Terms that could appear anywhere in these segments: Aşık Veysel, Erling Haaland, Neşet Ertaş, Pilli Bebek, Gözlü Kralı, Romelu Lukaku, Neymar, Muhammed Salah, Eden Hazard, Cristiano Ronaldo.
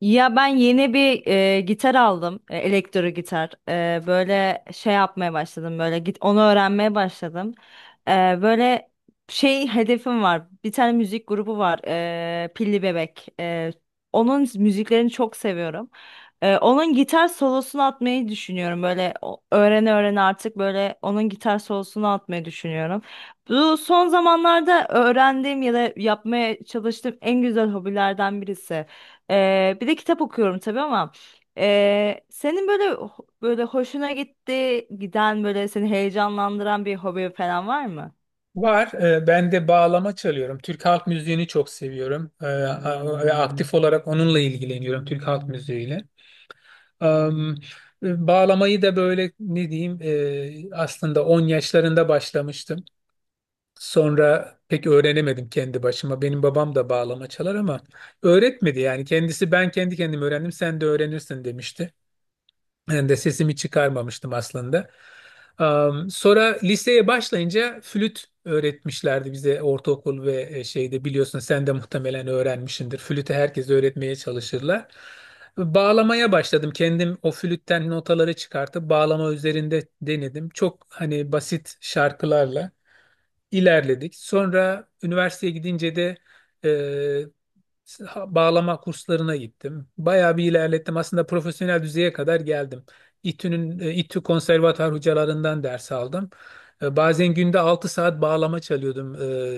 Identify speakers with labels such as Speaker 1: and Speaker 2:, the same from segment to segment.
Speaker 1: Ya ben yeni bir gitar aldım. Elektro gitar. Böyle şey yapmaya başladım. Böyle onu öğrenmeye başladım. E, Böyle şey hedefim var. Bir tane müzik grubu var. Pilli Bebek. Onun müziklerini çok seviyorum. Onun gitar solosunu atmayı düşünüyorum. Böyle öğrene öğrene artık böyle onun gitar solosunu atmayı düşünüyorum. Bu son zamanlarda öğrendiğim ya da yapmaya çalıştığım en güzel hobilerden birisi. Bir de kitap okuyorum tabii, ama senin böyle böyle hoşuna gitti giden böyle seni heyecanlandıran bir hobi falan var mı?
Speaker 2: Var. Ben de bağlama çalıyorum. Türk halk müziğini çok seviyorum. Ve aktif olarak onunla ilgileniyorum. Türk halk müziğiyle. Am, Bağlamayı da böyle ne diyeyim, aslında 10 yaşlarında başlamıştım. Sonra pek öğrenemedim kendi başıma. Benim babam da bağlama çalar ama öğretmedi yani. Kendisi, "Ben kendi kendime öğrendim, sen de öğrenirsin," demişti. Ben de sesimi çıkarmamıştım aslında. Sonra liseye başlayınca flüt öğretmişlerdi bize ortaokul ve şeyde biliyorsun, sen de muhtemelen öğrenmişsindir. Flütü herkes öğretmeye çalışırlar. Bağlamaya başladım. Kendim o flütten notaları çıkartıp bağlama üzerinde denedim. Çok hani basit şarkılarla ilerledik. Sonra üniversiteye gidince de e, bağlama kurslarına gittim. Bayağı bir ilerlettim. Aslında profesyonel düzeye kadar geldim. İTÜ konservatuar hocalarından ders aldım. Bazen günde 6 saat bağlama çalıyordum.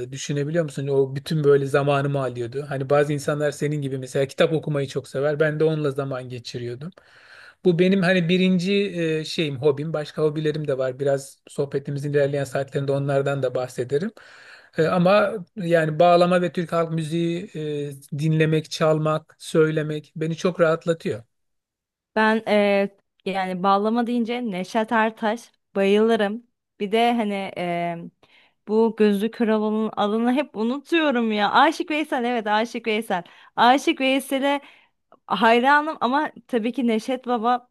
Speaker 2: Düşünebiliyor musun? O bütün böyle zamanımı alıyordu. Hani bazı insanlar senin gibi mesela kitap okumayı çok sever. Ben de onunla zaman geçiriyordum. Bu benim hani birinci şeyim, hobim. Başka hobilerim de var. Biraz sohbetimizin ilerleyen saatlerinde onlardan da bahsederim. Ama yani bağlama ve Türk halk müziği, dinlemek, çalmak, söylemek beni çok rahatlatıyor.
Speaker 1: Ben yani bağlama deyince Neşet Ertaş bayılırım. Bir de hani bu Gözlü Kralı'nın adını hep unutuyorum ya. Aşık Veysel, evet, Aşık Veysel. Aşık Veysel'e hayranım, ama tabii ki Neşet Baba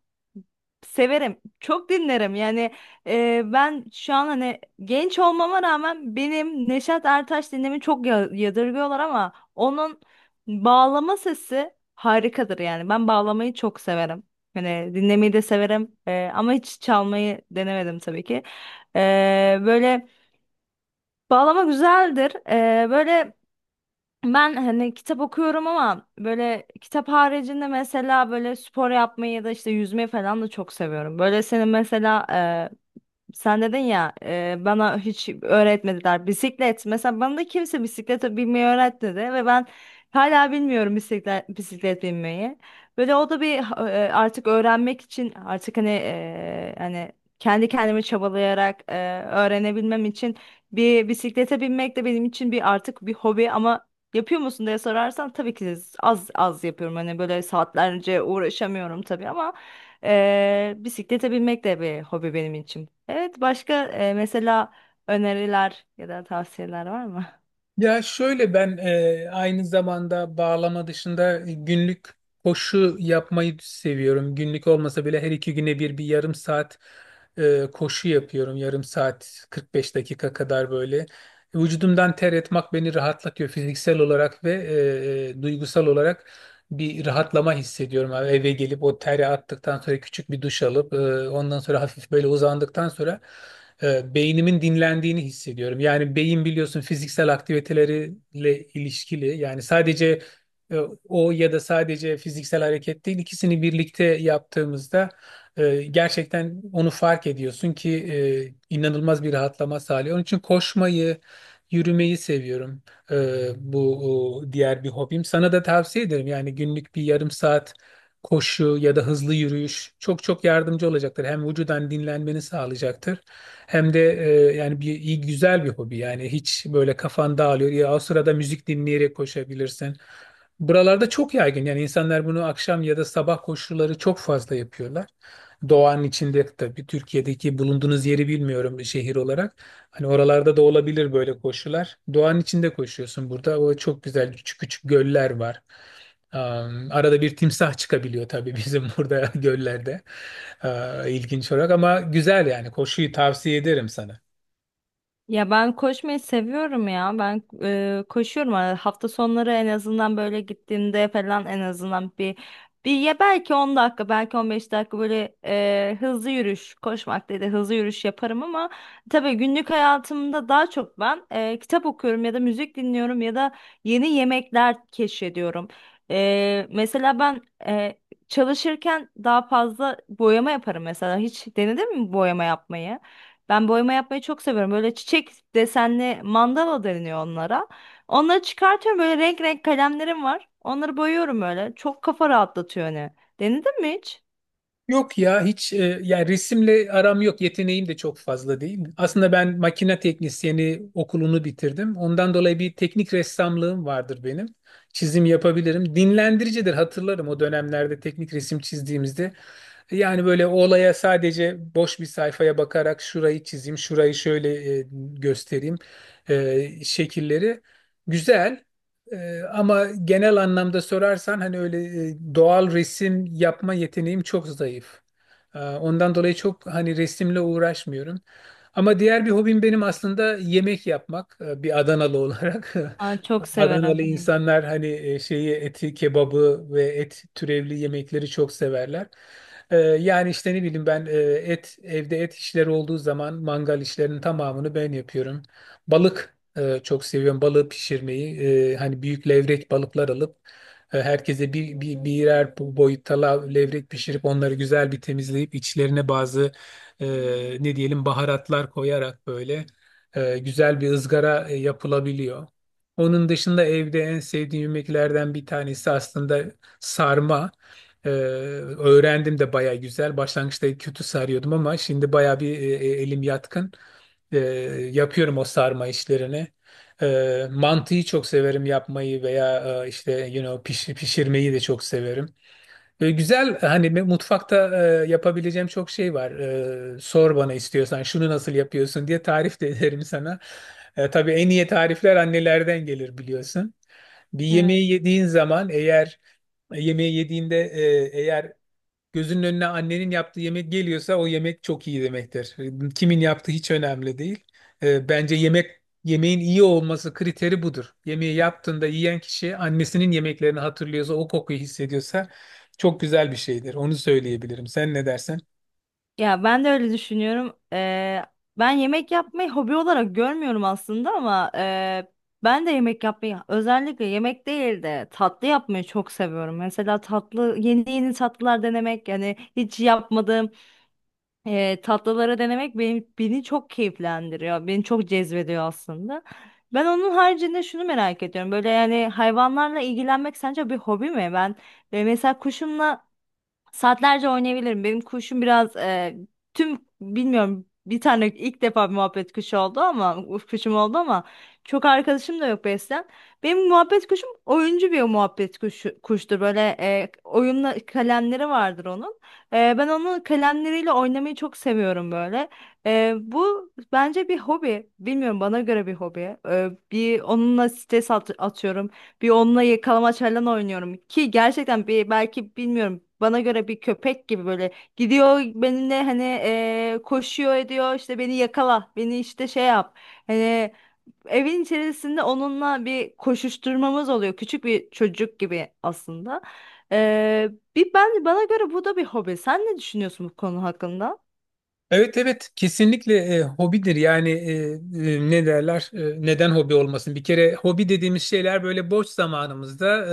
Speaker 1: severim. Çok dinlerim. Yani ben şu an hani genç olmama rağmen benim Neşet Ertaş dinlemi çok yadırgıyorlar, ama onun bağlama sesi harikadır yani. Ben bağlamayı çok severim. Hani dinlemeyi de severim, ama hiç çalmayı denemedim tabii ki. E, Böyle bağlama güzeldir. Böyle ben hani kitap okuyorum, ama böyle kitap haricinde mesela böyle spor yapmayı ya da işte yüzmeyi falan da çok seviyorum. Böyle senin mesela, sen dedin ya bana hiç öğretmediler bisiklet. Mesela bana da kimse bisiklete binmeyi öğretmedi ve ben hala bilmiyorum bisiklet binmeyi. Böyle o da bir artık öğrenmek için, artık hani kendi kendimi çabalayarak öğrenebilmem için bir bisiklete binmek de benim için bir artık bir hobi, ama yapıyor musun diye sorarsan tabii ki az az yapıyorum. Hani böyle saatlerce uğraşamıyorum tabii, ama bisiklete binmek de bir hobi benim için. Evet, başka mesela öneriler ya da tavsiyeler var mı?
Speaker 2: Ya şöyle, ben aynı zamanda bağlama dışında günlük koşu yapmayı seviyorum. Günlük olmasa bile her 2 güne bir yarım saat koşu yapıyorum. Yarım saat 45 dakika kadar böyle. Vücudumdan ter etmek beni rahatlatıyor fiziksel olarak ve duygusal olarak bir rahatlama hissediyorum. Yani eve gelip o teri attıktan sonra küçük bir duş alıp, ondan sonra hafif böyle uzandıktan sonra, beynimin dinlendiğini hissediyorum. Yani beyin biliyorsun fiziksel aktiviteleriyle ilişkili. Yani sadece e, o ya da sadece fiziksel hareket değil, ikisini birlikte yaptığımızda gerçekten onu fark ediyorsun ki inanılmaz bir rahatlama sağlıyor. Onun için koşmayı, yürümeyi seviyorum. E, Bu, diğer bir hobim. Sana da tavsiye ederim. Yani günlük bir yarım saat koşu ya da hızlı yürüyüş çok çok yardımcı olacaktır. Hem vücudan dinlenmeni sağlayacaktır hem de yani bir iyi güzel bir hobi. Yani hiç böyle kafan dağılıyor. Ya o sırada müzik dinleyerek koşabilirsin. Buralarda çok yaygın. Yani insanlar bunu akşam ya da sabah koşuları çok fazla yapıyorlar. Doğanın içinde tabii, Türkiye'deki bulunduğunuz yeri bilmiyorum şehir olarak. Hani oralarda da olabilir böyle koşular. Doğanın içinde koşuyorsun burada. O çok güzel küçük küçük göller var. Arada bir timsah çıkabiliyor tabii bizim burada göllerde. İlginç olarak ama güzel, yani koşuyu tavsiye ederim sana.
Speaker 1: Ya ben koşmayı seviyorum ya. Ben koşuyorum. Yani hafta sonları en azından, böyle gittiğimde falan, en azından bir ya belki 10 dakika, belki 15 dakika böyle hızlı yürüyüş, koşmak değil de hızlı yürüyüş yaparım, ama tabii günlük hayatımda daha çok ben kitap okuyorum ya da müzik dinliyorum ya da yeni yemekler keşfediyorum. Mesela ben e, çalışırken daha fazla boyama yaparım mesela. Hiç denedin mi boyama yapmayı? Ben boyama yapmayı çok seviyorum. Böyle çiçek desenli, mandala deniyor onlara. Onları çıkartıyorum. Böyle renk renk kalemlerim var. Onları boyuyorum böyle. Çok kafa rahatlatıyor hani. Denedin mi hiç?
Speaker 2: Yok ya, hiç yani resimle aram yok, yeteneğim de çok fazla değil. Aslında ben makine teknisyeni okulunu bitirdim. Ondan dolayı bir teknik ressamlığım vardır benim. Çizim yapabilirim. Dinlendiricidir, hatırlarım o dönemlerde teknik resim çizdiğimizde. Yani böyle o olaya sadece boş bir sayfaya bakarak şurayı çizeyim, şurayı şöyle göstereyim, şekilleri güzel. Ama genel anlamda sorarsan hani öyle, doğal resim yapma yeteneğim çok zayıf. Ondan dolayı çok hani resimle uğraşmıyorum. Ama diğer bir hobim benim aslında yemek yapmak, bir Adanalı olarak.
Speaker 1: Ay, çok severim.
Speaker 2: Adanalı
Speaker 1: Benim.
Speaker 2: insanlar hani, e, şeyi eti, kebabı ve et türevli yemekleri çok severler. Yani işte ne bileyim ben, e, et evde et işleri olduğu zaman mangal işlerinin tamamını ben yapıyorum. Balık, çok seviyorum balığı pişirmeyi. Hani büyük levrek balıklar alıp, herkese birer boyutta levrek pişirip onları güzel bir temizleyip içlerine bazı, e, ne diyelim, baharatlar koyarak böyle güzel bir ızgara yapılabiliyor. Onun dışında evde en sevdiğim yemeklerden bir tanesi aslında sarma. Öğrendim de baya güzel. Başlangıçta kötü sarıyordum ama şimdi baya bir elim yatkın. E, Yapıyorum o sarma işlerini. Mantıyı çok severim yapmayı veya işte pişirmeyi de çok severim. Güzel hani, mutfakta yapabileceğim çok şey var. Sor bana, istiyorsan şunu nasıl yapıyorsun diye tarif de ederim sana. Tabii en iyi tarifler annelerden gelir, biliyorsun. Bir
Speaker 1: Evet.
Speaker 2: yemeği yediğin zaman eğer Yemeği yediğinde, eğer gözünün önüne annenin yaptığı yemek geliyorsa o yemek çok iyi demektir. Kimin yaptığı hiç önemli değil. Bence yemeğin iyi olması kriteri budur. Yemeği yaptığında yiyen kişi annesinin yemeklerini hatırlıyorsa, o kokuyu hissediyorsa çok güzel bir şeydir. Onu söyleyebilirim. Sen ne dersen?
Speaker 1: Ya ben de öyle düşünüyorum. Ben yemek yapmayı hobi olarak görmüyorum aslında, ama ben de yemek yapmayı, özellikle yemek değil de tatlı yapmayı çok seviyorum. Mesela tatlı, yeni yeni tatlılar denemek, yani hiç yapmadığım tatlıları denemek beni çok keyiflendiriyor. Beni çok cezbediyor aslında. Ben onun haricinde şunu merak ediyorum. Böyle yani hayvanlarla ilgilenmek sence bir hobi mi? Ben mesela kuşumla saatlerce oynayabilirim. Benim kuşum biraz tüm bilmiyorum, bir tane, ilk defa bir muhabbet kuşu oldu, ama uf, kuşum oldu, ama çok arkadaşım da yok beslem. Benim muhabbet kuşum oyuncu bir muhabbet kuşu, kuştur. Böyle oyunla kalemleri vardır onun. Ben onun kalemleriyle oynamayı çok seviyorum böyle. Bu bence bir hobi. Bilmiyorum, bana göre bir hobi. Bir onunla stres atıyorum. Bir onunla yakalamaç falan oynuyorum ki gerçekten, bir belki bilmiyorum, bana göre bir köpek gibi böyle gidiyor benimle hani, koşuyor, ediyor, işte beni yakala, beni işte şey yap hani, evin içerisinde onunla bir koşuşturmamız oluyor küçük bir çocuk gibi aslında. Bir ben, bana göre bu da bir hobi. Sen ne düşünüyorsun bu konu hakkında?
Speaker 2: Evet, evet, kesinlikle hobidir yani. Ne derler, neden hobi olmasın? Bir kere hobi dediğimiz şeyler böyle boş zamanımızda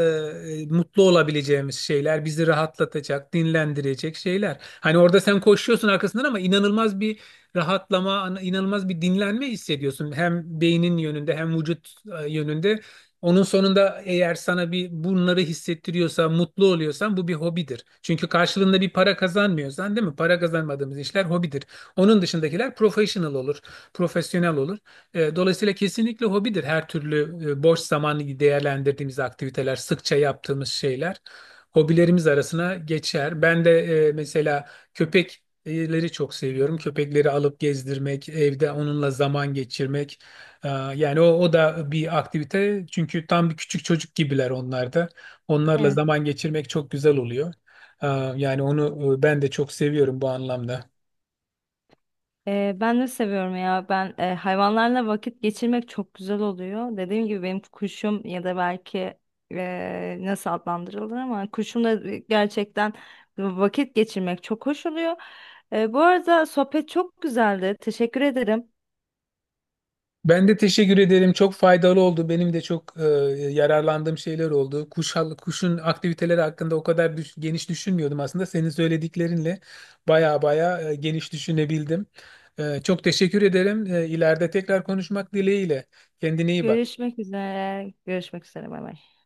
Speaker 2: mutlu olabileceğimiz şeyler, bizi rahatlatacak, dinlendirecek şeyler. Hani orada sen koşuyorsun arkasından ama inanılmaz bir rahatlama, inanılmaz bir dinlenme hissediyorsun, hem beynin yönünde hem vücut yönünde. Onun sonunda eğer sana bir bunları hissettiriyorsa, mutlu oluyorsan bu bir hobidir. Çünkü karşılığında bir para kazanmıyorsan, değil mi? Para kazanmadığımız işler hobidir. Onun dışındakiler profesyonel olur. Dolayısıyla kesinlikle hobidir her türlü. Boş zamanı değerlendirdiğimiz aktiviteler, sıkça yaptığımız şeyler hobilerimiz arasına geçer. Ben de mesela köpekleri çok seviyorum. Köpekleri alıp gezdirmek, evde onunla zaman geçirmek. E, Yani o da bir aktivite. Çünkü tam bir küçük çocuk gibiler onlar da. Onlarla zaman geçirmek çok güzel oluyor. E, Yani onu, ben de çok seviyorum bu anlamda.
Speaker 1: Ben de seviyorum ya. Ben hayvanlarla vakit geçirmek çok güzel oluyor. Dediğim gibi benim kuşum ya da belki nasıl adlandırılır, ama kuşumla gerçekten vakit geçirmek çok hoş oluyor. Bu arada sohbet çok güzeldi. Teşekkür ederim.
Speaker 2: Ben de teşekkür ederim. Çok faydalı oldu. Benim de çok yararlandığım şeyler oldu. Kuşun aktiviteleri hakkında o kadar geniş düşünmüyordum aslında. Senin söylediklerinle baya baya, geniş düşünebildim. Çok teşekkür ederim. İleride tekrar konuşmak dileğiyle. Kendine iyi bak.
Speaker 1: Görüşmek üzere. Görüşmek üzere. Bay bay.